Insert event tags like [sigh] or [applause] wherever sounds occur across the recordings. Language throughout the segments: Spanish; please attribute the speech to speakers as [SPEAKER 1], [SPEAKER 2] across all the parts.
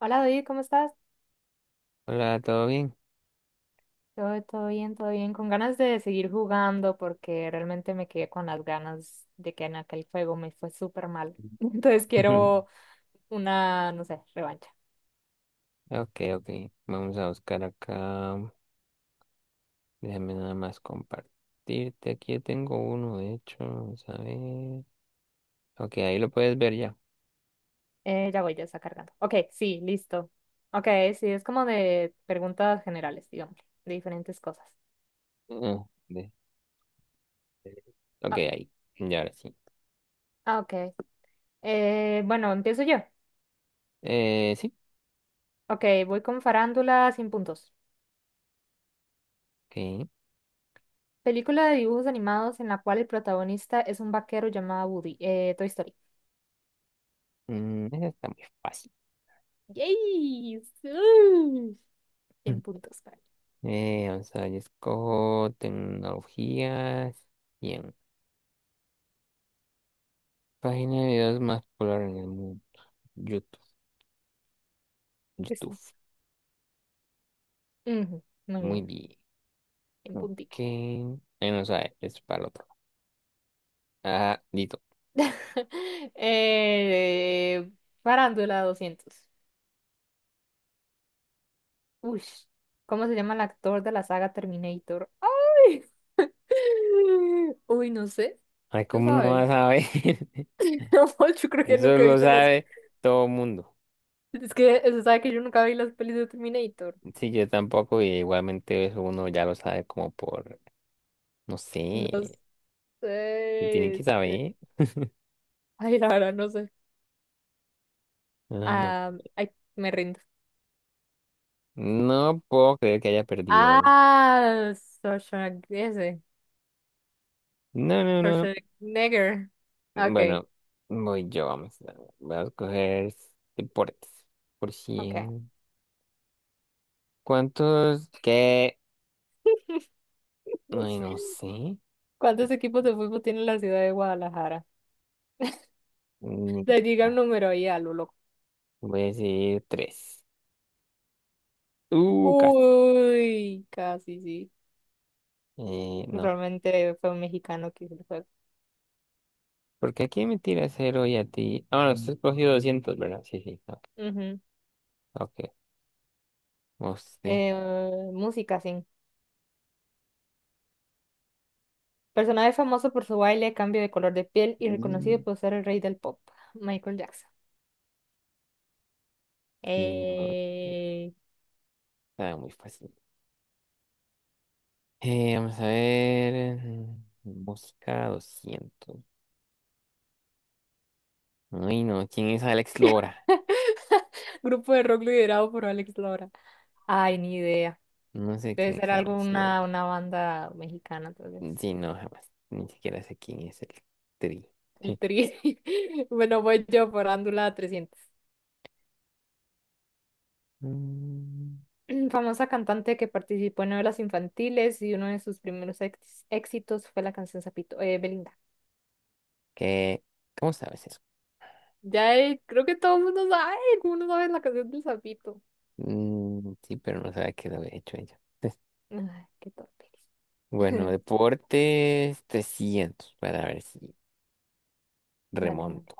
[SPEAKER 1] Hola David, ¿cómo estás?
[SPEAKER 2] Hola, ¿todo bien?
[SPEAKER 1] Todo bien, todo bien. Con ganas de seguir jugando porque realmente me quedé con las ganas de que en aquel juego me fue súper mal. [laughs] Entonces
[SPEAKER 2] [laughs]
[SPEAKER 1] quiero una, no sé, revancha.
[SPEAKER 2] Ok, ok. Vamos a buscar acá. Déjame nada más compartirte. Aquí yo tengo uno, de hecho. Vamos a ver. Ok, ahí lo puedes ver ya.
[SPEAKER 1] Ya voy, ya está cargando. Ok, sí, listo. Ok, sí, es como de preguntas generales, digamos, de diferentes cosas.
[SPEAKER 2] Ah, de- de- Ok,
[SPEAKER 1] Ah,
[SPEAKER 2] ahí. Ya ahora sí.
[SPEAKER 1] ah, ok. Bueno, empiezo yo.
[SPEAKER 2] Sí.
[SPEAKER 1] Ok, voy con Farándula sin puntos.
[SPEAKER 2] Ok.
[SPEAKER 1] Película de dibujos animados en la cual el protagonista es un vaquero llamado Woody. Toy Story.
[SPEAKER 2] Esa está muy fácil.
[SPEAKER 1] ¡Yay! ¡Uh! En
[SPEAKER 2] [laughs]
[SPEAKER 1] puntos, vale.
[SPEAKER 2] Vamos a ver, yo escojo tecnologías. Bien. Página de videos más popular en el mundo. YouTube.
[SPEAKER 1] Pues
[SPEAKER 2] YouTube.
[SPEAKER 1] sí. Ujú, muy
[SPEAKER 2] Muy
[SPEAKER 1] bien,
[SPEAKER 2] bien.
[SPEAKER 1] en
[SPEAKER 2] Ok.
[SPEAKER 1] puntico.
[SPEAKER 2] Bueno, sabe, es para el otro. Ah, listo.
[SPEAKER 1] [laughs] Eh, Farándula 200. Uy, ¿cómo se llama el actor de la saga Terminator? ¡Ay! [laughs] Uy, no sé.
[SPEAKER 2] Ay,
[SPEAKER 1] ¿Tú
[SPEAKER 2] ¿cómo no
[SPEAKER 1] sabes?
[SPEAKER 2] vas a ver? [laughs]
[SPEAKER 1] [laughs] No, yo creo que
[SPEAKER 2] Eso
[SPEAKER 1] nunca he
[SPEAKER 2] lo
[SPEAKER 1] visto las.
[SPEAKER 2] sabe todo el mundo.
[SPEAKER 1] Es que se sabe que yo nunca vi las pelis de Terminator.
[SPEAKER 2] Sí, yo tampoco, y igualmente eso uno ya lo sabe como por, no
[SPEAKER 1] No
[SPEAKER 2] sé,
[SPEAKER 1] sé.
[SPEAKER 2] que tiene que
[SPEAKER 1] este,
[SPEAKER 2] saber.
[SPEAKER 1] Ay, la verdad, no sé.
[SPEAKER 2] Ay, no.
[SPEAKER 1] Ah, ay, me rindo.
[SPEAKER 2] No puedo creer que haya perdido.
[SPEAKER 1] Ah, Schwarzenegger.
[SPEAKER 2] No, no, no.
[SPEAKER 1] Schwarzenegger. Okay,
[SPEAKER 2] Bueno, voy yo, Voy a escoger deportes. Por
[SPEAKER 1] okay.
[SPEAKER 2] cien. ¿Cuántos ¿Qué?
[SPEAKER 1] [laughs]
[SPEAKER 2] Ay, no sé.
[SPEAKER 1] ¿Cuántos equipos de fútbol tiene la ciudad de Guadalajara?
[SPEAKER 2] Mm,
[SPEAKER 1] Le diga un número ahí a lo loco.
[SPEAKER 2] Voy a decir tres. Casi.
[SPEAKER 1] Uy, casi sí.
[SPEAKER 2] No.
[SPEAKER 1] Probablemente fue un mexicano que hizo el juego.
[SPEAKER 2] Porque aquí me tira cero y a ti. Ah, bueno, usted has cogido 200, ¿verdad? Sí, sí. Ok.
[SPEAKER 1] Ujú.
[SPEAKER 2] Okay. Usted.
[SPEAKER 1] Eh, Música, sí. Personaje famoso por su baile, cambio de color de piel y
[SPEAKER 2] Mm,
[SPEAKER 1] reconocido por ser el rey del pop, Michael Jackson.
[SPEAKER 2] Y no. ahí
[SPEAKER 1] Eh,
[SPEAKER 2] Está muy fácil. Vamos a ver. Busca 200. Ay, no. ¿Quién es Alex Lora?
[SPEAKER 1] [laughs] Grupo de rock liderado por Alex Lora. Ay, ni idea.
[SPEAKER 2] No sé
[SPEAKER 1] Debe
[SPEAKER 2] quién
[SPEAKER 1] ser
[SPEAKER 2] es Alex Lora.
[SPEAKER 1] alguna una banda mexicana, entonces.
[SPEAKER 2] Sí, no, jamás. Ni siquiera sé quién es el tri.
[SPEAKER 1] El
[SPEAKER 2] [laughs]
[SPEAKER 1] Tri. [laughs] Bueno, voy yo por Ándula 300.
[SPEAKER 2] Mm,
[SPEAKER 1] [clears throat] Famosa cantante que participó en novelas infantiles y uno de sus primeros éxitos fue la canción Zapito, Belinda.
[SPEAKER 2] ¿Qué? ¿Cómo sabes eso?
[SPEAKER 1] Ya, creo que todo el mundo sabe, todo el mundo sabe la canción del Zapito.
[SPEAKER 2] Sí, pero no sabe qué lo había hecho ella. [laughs]
[SPEAKER 1] Ay, qué torpe.
[SPEAKER 2] Bueno,
[SPEAKER 1] [laughs]
[SPEAKER 2] deportes 300, para ver si
[SPEAKER 1] Dale, dale.
[SPEAKER 2] remonto.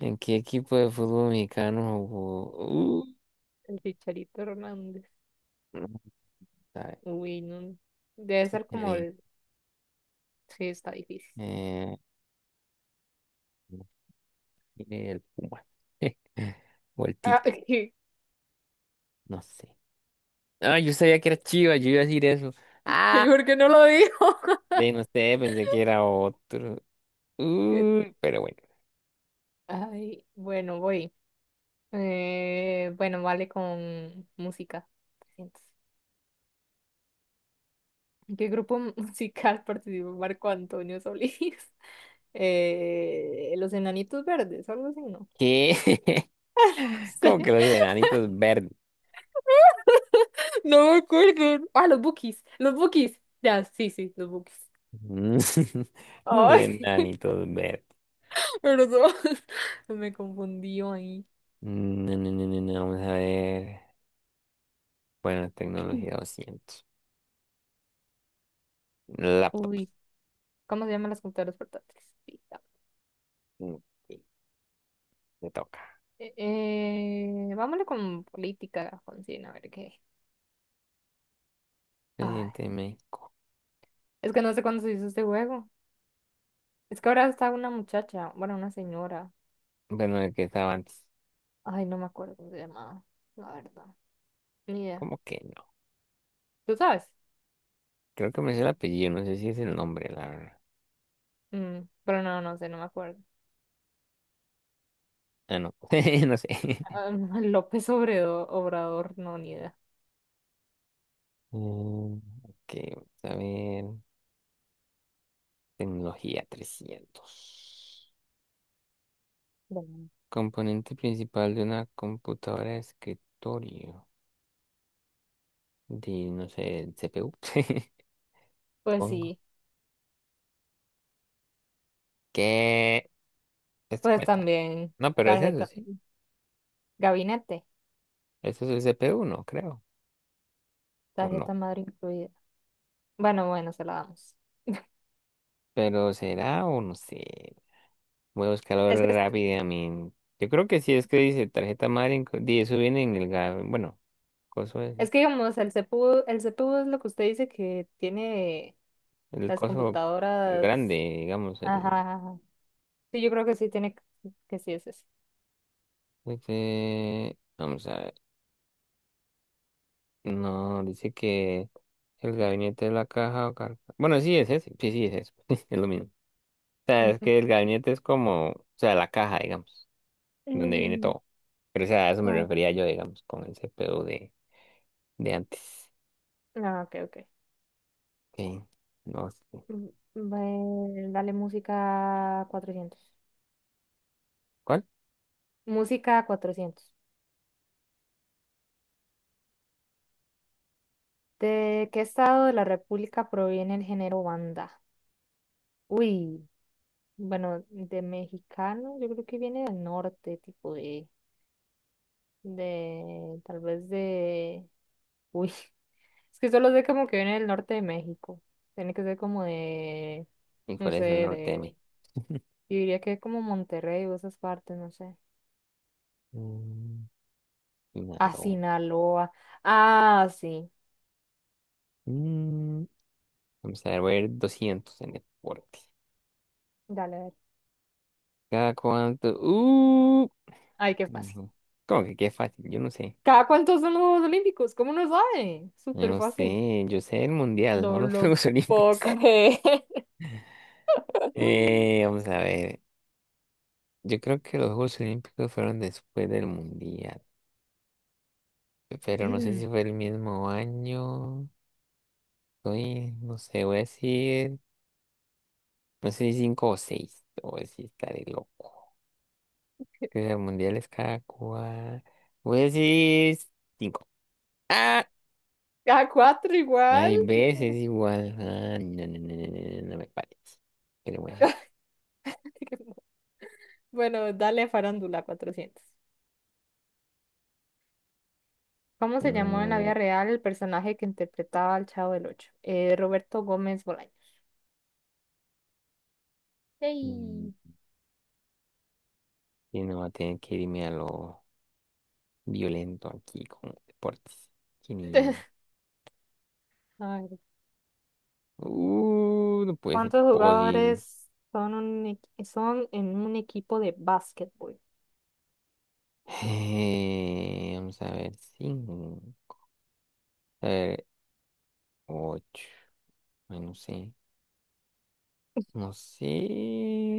[SPEAKER 2] ¿En qué equipo de fútbol mexicano jugó?
[SPEAKER 1] El Chicharito Hernández.
[SPEAKER 2] No sabe.
[SPEAKER 1] Uy, no. Debe ser como
[SPEAKER 2] ahí,
[SPEAKER 1] el. Sí, está difícil.
[SPEAKER 2] eh, el Puma. [laughs] O el
[SPEAKER 1] Ah,
[SPEAKER 2] Tigre,
[SPEAKER 1] [laughs] ¿Y
[SPEAKER 2] no sé. Ah, yo sabía que era Chivas, yo iba a decir eso. Ah,
[SPEAKER 1] por qué no lo dijo?
[SPEAKER 2] de no sé, pensé que era otro.
[SPEAKER 1] [laughs] Que-
[SPEAKER 2] Uy, pero bueno.
[SPEAKER 1] Ay, bueno, voy. Bueno, vale con música. 300. ¿En qué grupo [laughs] musical participó Marco Antonio Solís? [laughs] Los Enanitos Verdes, algo así, no.
[SPEAKER 2] ¿Qué? [laughs]
[SPEAKER 1] [laughs] sé,
[SPEAKER 2] Como que los enanitos verdes.
[SPEAKER 1] no me acuerdo. Ah, los Bookies, los Bookies. Ya, sí, sí, los Bookies.
[SPEAKER 2] Mm, [laughs] Los
[SPEAKER 1] Ay,
[SPEAKER 2] enanitos verdes.
[SPEAKER 1] [laughs] perdón, [laughs] me confundió ahí.
[SPEAKER 2] No, no, no, no, no, vamos a ver. Bueno, tecnología
[SPEAKER 1] [clears throat]
[SPEAKER 2] doscientos. Laptops.
[SPEAKER 1] Uy, ¿cómo se llaman las computadoras portátiles? Sí, ya.
[SPEAKER 2] Ok, me toca.
[SPEAKER 1] Eh, Vámoone con política, Jonsina, a ver qué. Ay,
[SPEAKER 2] Presidente de México.
[SPEAKER 1] es que no sé cuándo se hizo este juego. Es que ahora está una muchacha, bueno, una señora.
[SPEAKER 2] Bueno, el que estaba antes.
[SPEAKER 1] Ay, no me acuerdo cómo se llamaba, la verdad. Ni idea.
[SPEAKER 2] ¿Cómo que no?
[SPEAKER 1] ¿Tú sabes?
[SPEAKER 2] Creo que me sé el apellido, no sé si es el nombre, la verdad.
[SPEAKER 1] Pero no, no sé, no me acuerdo.
[SPEAKER 2] Ah, no. [laughs] No sé.
[SPEAKER 1] Ah, [laughs] López Obrador, no, ni idea.
[SPEAKER 2] Mm, ok, vamos a ver. Tecnología trescientos.
[SPEAKER 1] Bueno.
[SPEAKER 2] Componente principal de una computadora de escritorio. De, no sé, el CPU. [laughs]
[SPEAKER 1] Pues
[SPEAKER 2] Pongo.
[SPEAKER 1] sí,
[SPEAKER 2] ¿Qué? Esto
[SPEAKER 1] pues
[SPEAKER 2] cuenta.
[SPEAKER 1] también
[SPEAKER 2] No, pero es eso,
[SPEAKER 1] tarjeta,
[SPEAKER 2] sí.
[SPEAKER 1] gabinete,
[SPEAKER 2] Esto es el CPU1, creo. O no.
[SPEAKER 1] tarjeta madre incluida. Bueno, bueno, se la damos.
[SPEAKER 2] Pero será o no sé. Voy a buscarlo
[SPEAKER 1] Es que,
[SPEAKER 2] rápidamente. Yo creo que sí es que dice tarjeta madre. Eso viene en el. Bueno, coso
[SPEAKER 1] es
[SPEAKER 2] ese,
[SPEAKER 1] que digamos, el CPU es lo que usted dice que tiene
[SPEAKER 2] el
[SPEAKER 1] las
[SPEAKER 2] coso
[SPEAKER 1] computadoras.
[SPEAKER 2] grande, digamos.
[SPEAKER 1] Ajá, ajá, ajá. Sí, yo creo que sí tiene que sí es ese.
[SPEAKER 2] Vamos a ver. No, dice que el gabinete de la caja o bueno, sí es ese. Sí, sí es eso. [laughs] Es lo mismo. O sea,
[SPEAKER 1] Mm,
[SPEAKER 2] es
[SPEAKER 1] mm,
[SPEAKER 2] que el gabinete es como, o sea, la caja, digamos, donde viene
[SPEAKER 1] mm,
[SPEAKER 2] todo. Pero o sea, a eso me
[SPEAKER 1] ok,
[SPEAKER 2] refería yo, digamos, con el CPU de antes.
[SPEAKER 1] ah, ok, ok.
[SPEAKER 2] Ok, no sé.
[SPEAKER 1] Mm, Dale música cuatrocientos.
[SPEAKER 2] ¿Cuál?
[SPEAKER 1] Música cuatrocientos. ¿De qué estado de la República proviene el género banda? Uy, bueno, de mexicano, yo creo que viene del norte, tipo de, tal vez de, uy, [laughs] es que solo sé como que viene del norte de México. Tiene que ser como de,
[SPEAKER 2] ¿Y
[SPEAKER 1] no
[SPEAKER 2] cuál
[SPEAKER 1] sé,
[SPEAKER 2] es el norte de
[SPEAKER 1] de,
[SPEAKER 2] mí?
[SPEAKER 1] yo diría que como Monterrey o esas partes, no sé.
[SPEAKER 2] Mm,
[SPEAKER 1] A
[SPEAKER 2] Sinaloa.
[SPEAKER 1] Sinaloa. Ah, sí.
[SPEAKER 2] Mm, vamos a ver, voy a ir 200 en deporte.
[SPEAKER 1] Dale, dale.
[SPEAKER 2] ¿Cada cuánto?
[SPEAKER 1] Ay, qué fácil.
[SPEAKER 2] No. ¿Cómo que qué fácil? Yo no sé.
[SPEAKER 1] ¿Cada cuántos son los Juegos Olímpicos? ¿Cómo no sabe?
[SPEAKER 2] Yo
[SPEAKER 1] Súper
[SPEAKER 2] no
[SPEAKER 1] fácil.
[SPEAKER 2] sé. Yo sé el mundial, no los [laughs] Juegos
[SPEAKER 1] Ok.
[SPEAKER 2] Olímpicos. Eh,
[SPEAKER 1] [laughs]
[SPEAKER 2] vamos a ver. Yo creo que los Juegos Olímpicos fueron después del mundial. Pero no sé
[SPEAKER 1] [clears throat]
[SPEAKER 2] si fue el mismo año. Soy, no sé, voy a decir, no sé si cinco o seis, o si estaré loco. Que el mundial es cada cual. Voy a decir cinco. ¡Ah!
[SPEAKER 1] Cada cuatro igual.
[SPEAKER 2] Hay
[SPEAKER 1] Qué
[SPEAKER 2] veces
[SPEAKER 1] torpe.
[SPEAKER 2] igual. Ah, no, no, no, no, no, no, me parece. Pero bueno.
[SPEAKER 1] [laughs] Bueno, dale a Farándula 400. ¿Cómo se llamó en la
[SPEAKER 2] Mm,
[SPEAKER 1] vida real el personaje que interpretaba al Chavo del Ocho? Roberto Gómez Bolaños.
[SPEAKER 2] mm,
[SPEAKER 1] Ey.
[SPEAKER 2] y no va a tener que irme a lo violento aquí con deportes quinientos.
[SPEAKER 1] [laughs] A ver,
[SPEAKER 2] No puede ser
[SPEAKER 1] ¿cuántos
[SPEAKER 2] posible.
[SPEAKER 1] jugadores son en un equipo de básquetbol?
[SPEAKER 2] [laughs] Vamos a ver, cinco. A ver, ocho. Ay, no sé, no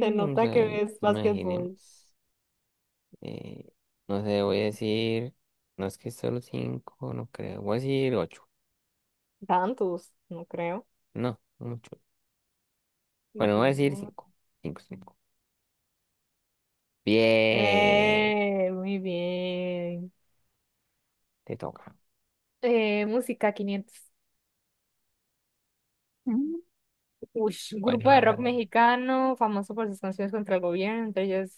[SPEAKER 1] Se
[SPEAKER 2] Vamos
[SPEAKER 1] nota
[SPEAKER 2] a
[SPEAKER 1] que
[SPEAKER 2] ver,
[SPEAKER 1] ves básquetbol.
[SPEAKER 2] imaginemos. Eh, no sé, voy a decir. No es que solo cinco, no creo. Voy a decir ocho.
[SPEAKER 1] Tantos, no creo.
[SPEAKER 2] No, mucho. Bueno, voy a decir
[SPEAKER 1] No.
[SPEAKER 2] cinco. Cinco, cinco. Bien,
[SPEAKER 1] Muy bien.
[SPEAKER 2] te toca.
[SPEAKER 1] Música quinientos.
[SPEAKER 2] Mm.
[SPEAKER 1] Uy, grupo
[SPEAKER 2] Bueno,
[SPEAKER 1] de rock
[SPEAKER 2] hágale.
[SPEAKER 1] mexicano, famoso por sus canciones contra el gobierno, entre ellos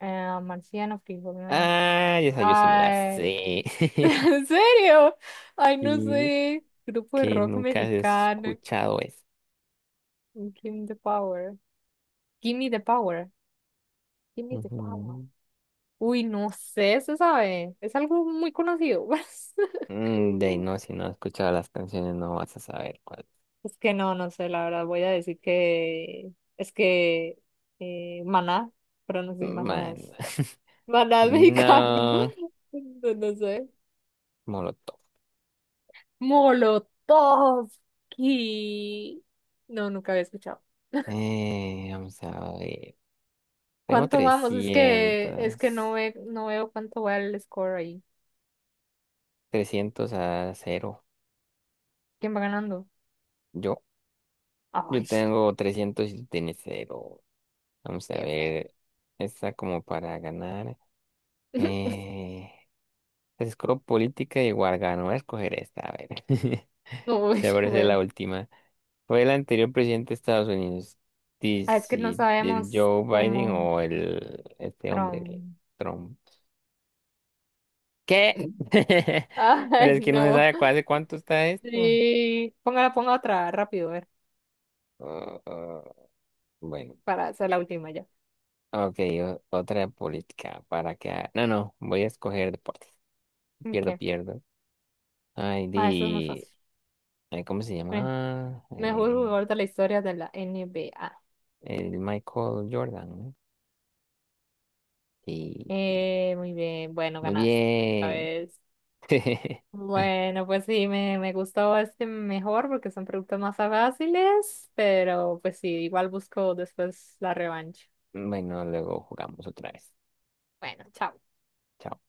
[SPEAKER 1] Marciano, Frijolero.
[SPEAKER 2] Ah, esa yo sí me la
[SPEAKER 1] Ay,
[SPEAKER 2] sé.
[SPEAKER 1] [laughs]
[SPEAKER 2] [laughs]
[SPEAKER 1] ¿en serio? Ay, no
[SPEAKER 2] Y
[SPEAKER 1] sé. Grupo de
[SPEAKER 2] que
[SPEAKER 1] rock
[SPEAKER 2] nunca has
[SPEAKER 1] mexicano.
[SPEAKER 2] escuchado eso.
[SPEAKER 1] Give me the power. Give me the power. Give me the power.
[SPEAKER 2] Ujú.
[SPEAKER 1] Uy, no sé, se sabe. Es algo muy conocido. [laughs]
[SPEAKER 2] De ahí no, si no has escuchado las canciones, no vas a saber cuál.
[SPEAKER 1] Es que no, no sé, la verdad voy a decir que es que Maná, pero no sé si Maná
[SPEAKER 2] Man.
[SPEAKER 1] es. Maná es mexicano,
[SPEAKER 2] No,
[SPEAKER 1] [laughs] no, no sé.
[SPEAKER 2] Molotov.
[SPEAKER 1] Molotovsky. No, nunca había escuchado.
[SPEAKER 2] Vamos a ver. Tengo
[SPEAKER 1] ¿Cuánto vamos? Es que no
[SPEAKER 2] 300
[SPEAKER 1] ve, no veo cuánto va el score ahí.
[SPEAKER 2] Trescientos a cero.
[SPEAKER 1] ¿Quién va ganando?
[SPEAKER 2] Yo, yo
[SPEAKER 1] Ay,
[SPEAKER 2] tengo trescientos y tú tienes cero. Vamos a
[SPEAKER 1] qué feo.
[SPEAKER 2] ver. Esta como para ganar.
[SPEAKER 1] [laughs]
[SPEAKER 2] Eh, escojo política y igual gano. Voy a escoger esta, a ver. [laughs]
[SPEAKER 1] Uy,
[SPEAKER 2] Ya parece
[SPEAKER 1] bueno.
[SPEAKER 2] la última. ¿Fue el anterior presidente de Estados Unidos?
[SPEAKER 1] Ah, es que no
[SPEAKER 2] ¿El
[SPEAKER 1] sabemos
[SPEAKER 2] Joe Biden
[SPEAKER 1] cómo
[SPEAKER 2] o el este hombre, el
[SPEAKER 1] Trump.
[SPEAKER 2] Trump? ¿Qué?
[SPEAKER 1] [laughs]
[SPEAKER 2] [laughs] Pero
[SPEAKER 1] Ay,
[SPEAKER 2] es que no se
[SPEAKER 1] no.
[SPEAKER 2] sabe hace cuánto está esto.
[SPEAKER 1] Sí, ponga otra rápido, a ver,
[SPEAKER 2] Ah, ah, bueno,
[SPEAKER 1] para hacer la última ya.
[SPEAKER 2] ok, otra de política para que... No, no, voy a escoger deportes. Pierdo,
[SPEAKER 1] Okay.
[SPEAKER 2] pierdo. Ay,
[SPEAKER 1] Ah, eso es muy
[SPEAKER 2] di...
[SPEAKER 1] fácil.
[SPEAKER 2] ay, ¿cómo se
[SPEAKER 1] Me-
[SPEAKER 2] llama?
[SPEAKER 1] Mejor
[SPEAKER 2] Eh,
[SPEAKER 1] jugador de la historia de la N B A.
[SPEAKER 2] el Michael Jordan, ¿no? Y
[SPEAKER 1] Muy bien, bueno,
[SPEAKER 2] muy
[SPEAKER 1] ganaste.
[SPEAKER 2] bien.
[SPEAKER 1] ¿Sabes?
[SPEAKER 2] [laughs]
[SPEAKER 1] Bueno, pues sí, me gustó este mejor porque son preguntas más fáciles, pero pues sí, igual busco después la revancha.
[SPEAKER 2] Bueno, luego jugamos otra vez.
[SPEAKER 1] Bueno, chao.
[SPEAKER 2] Chao.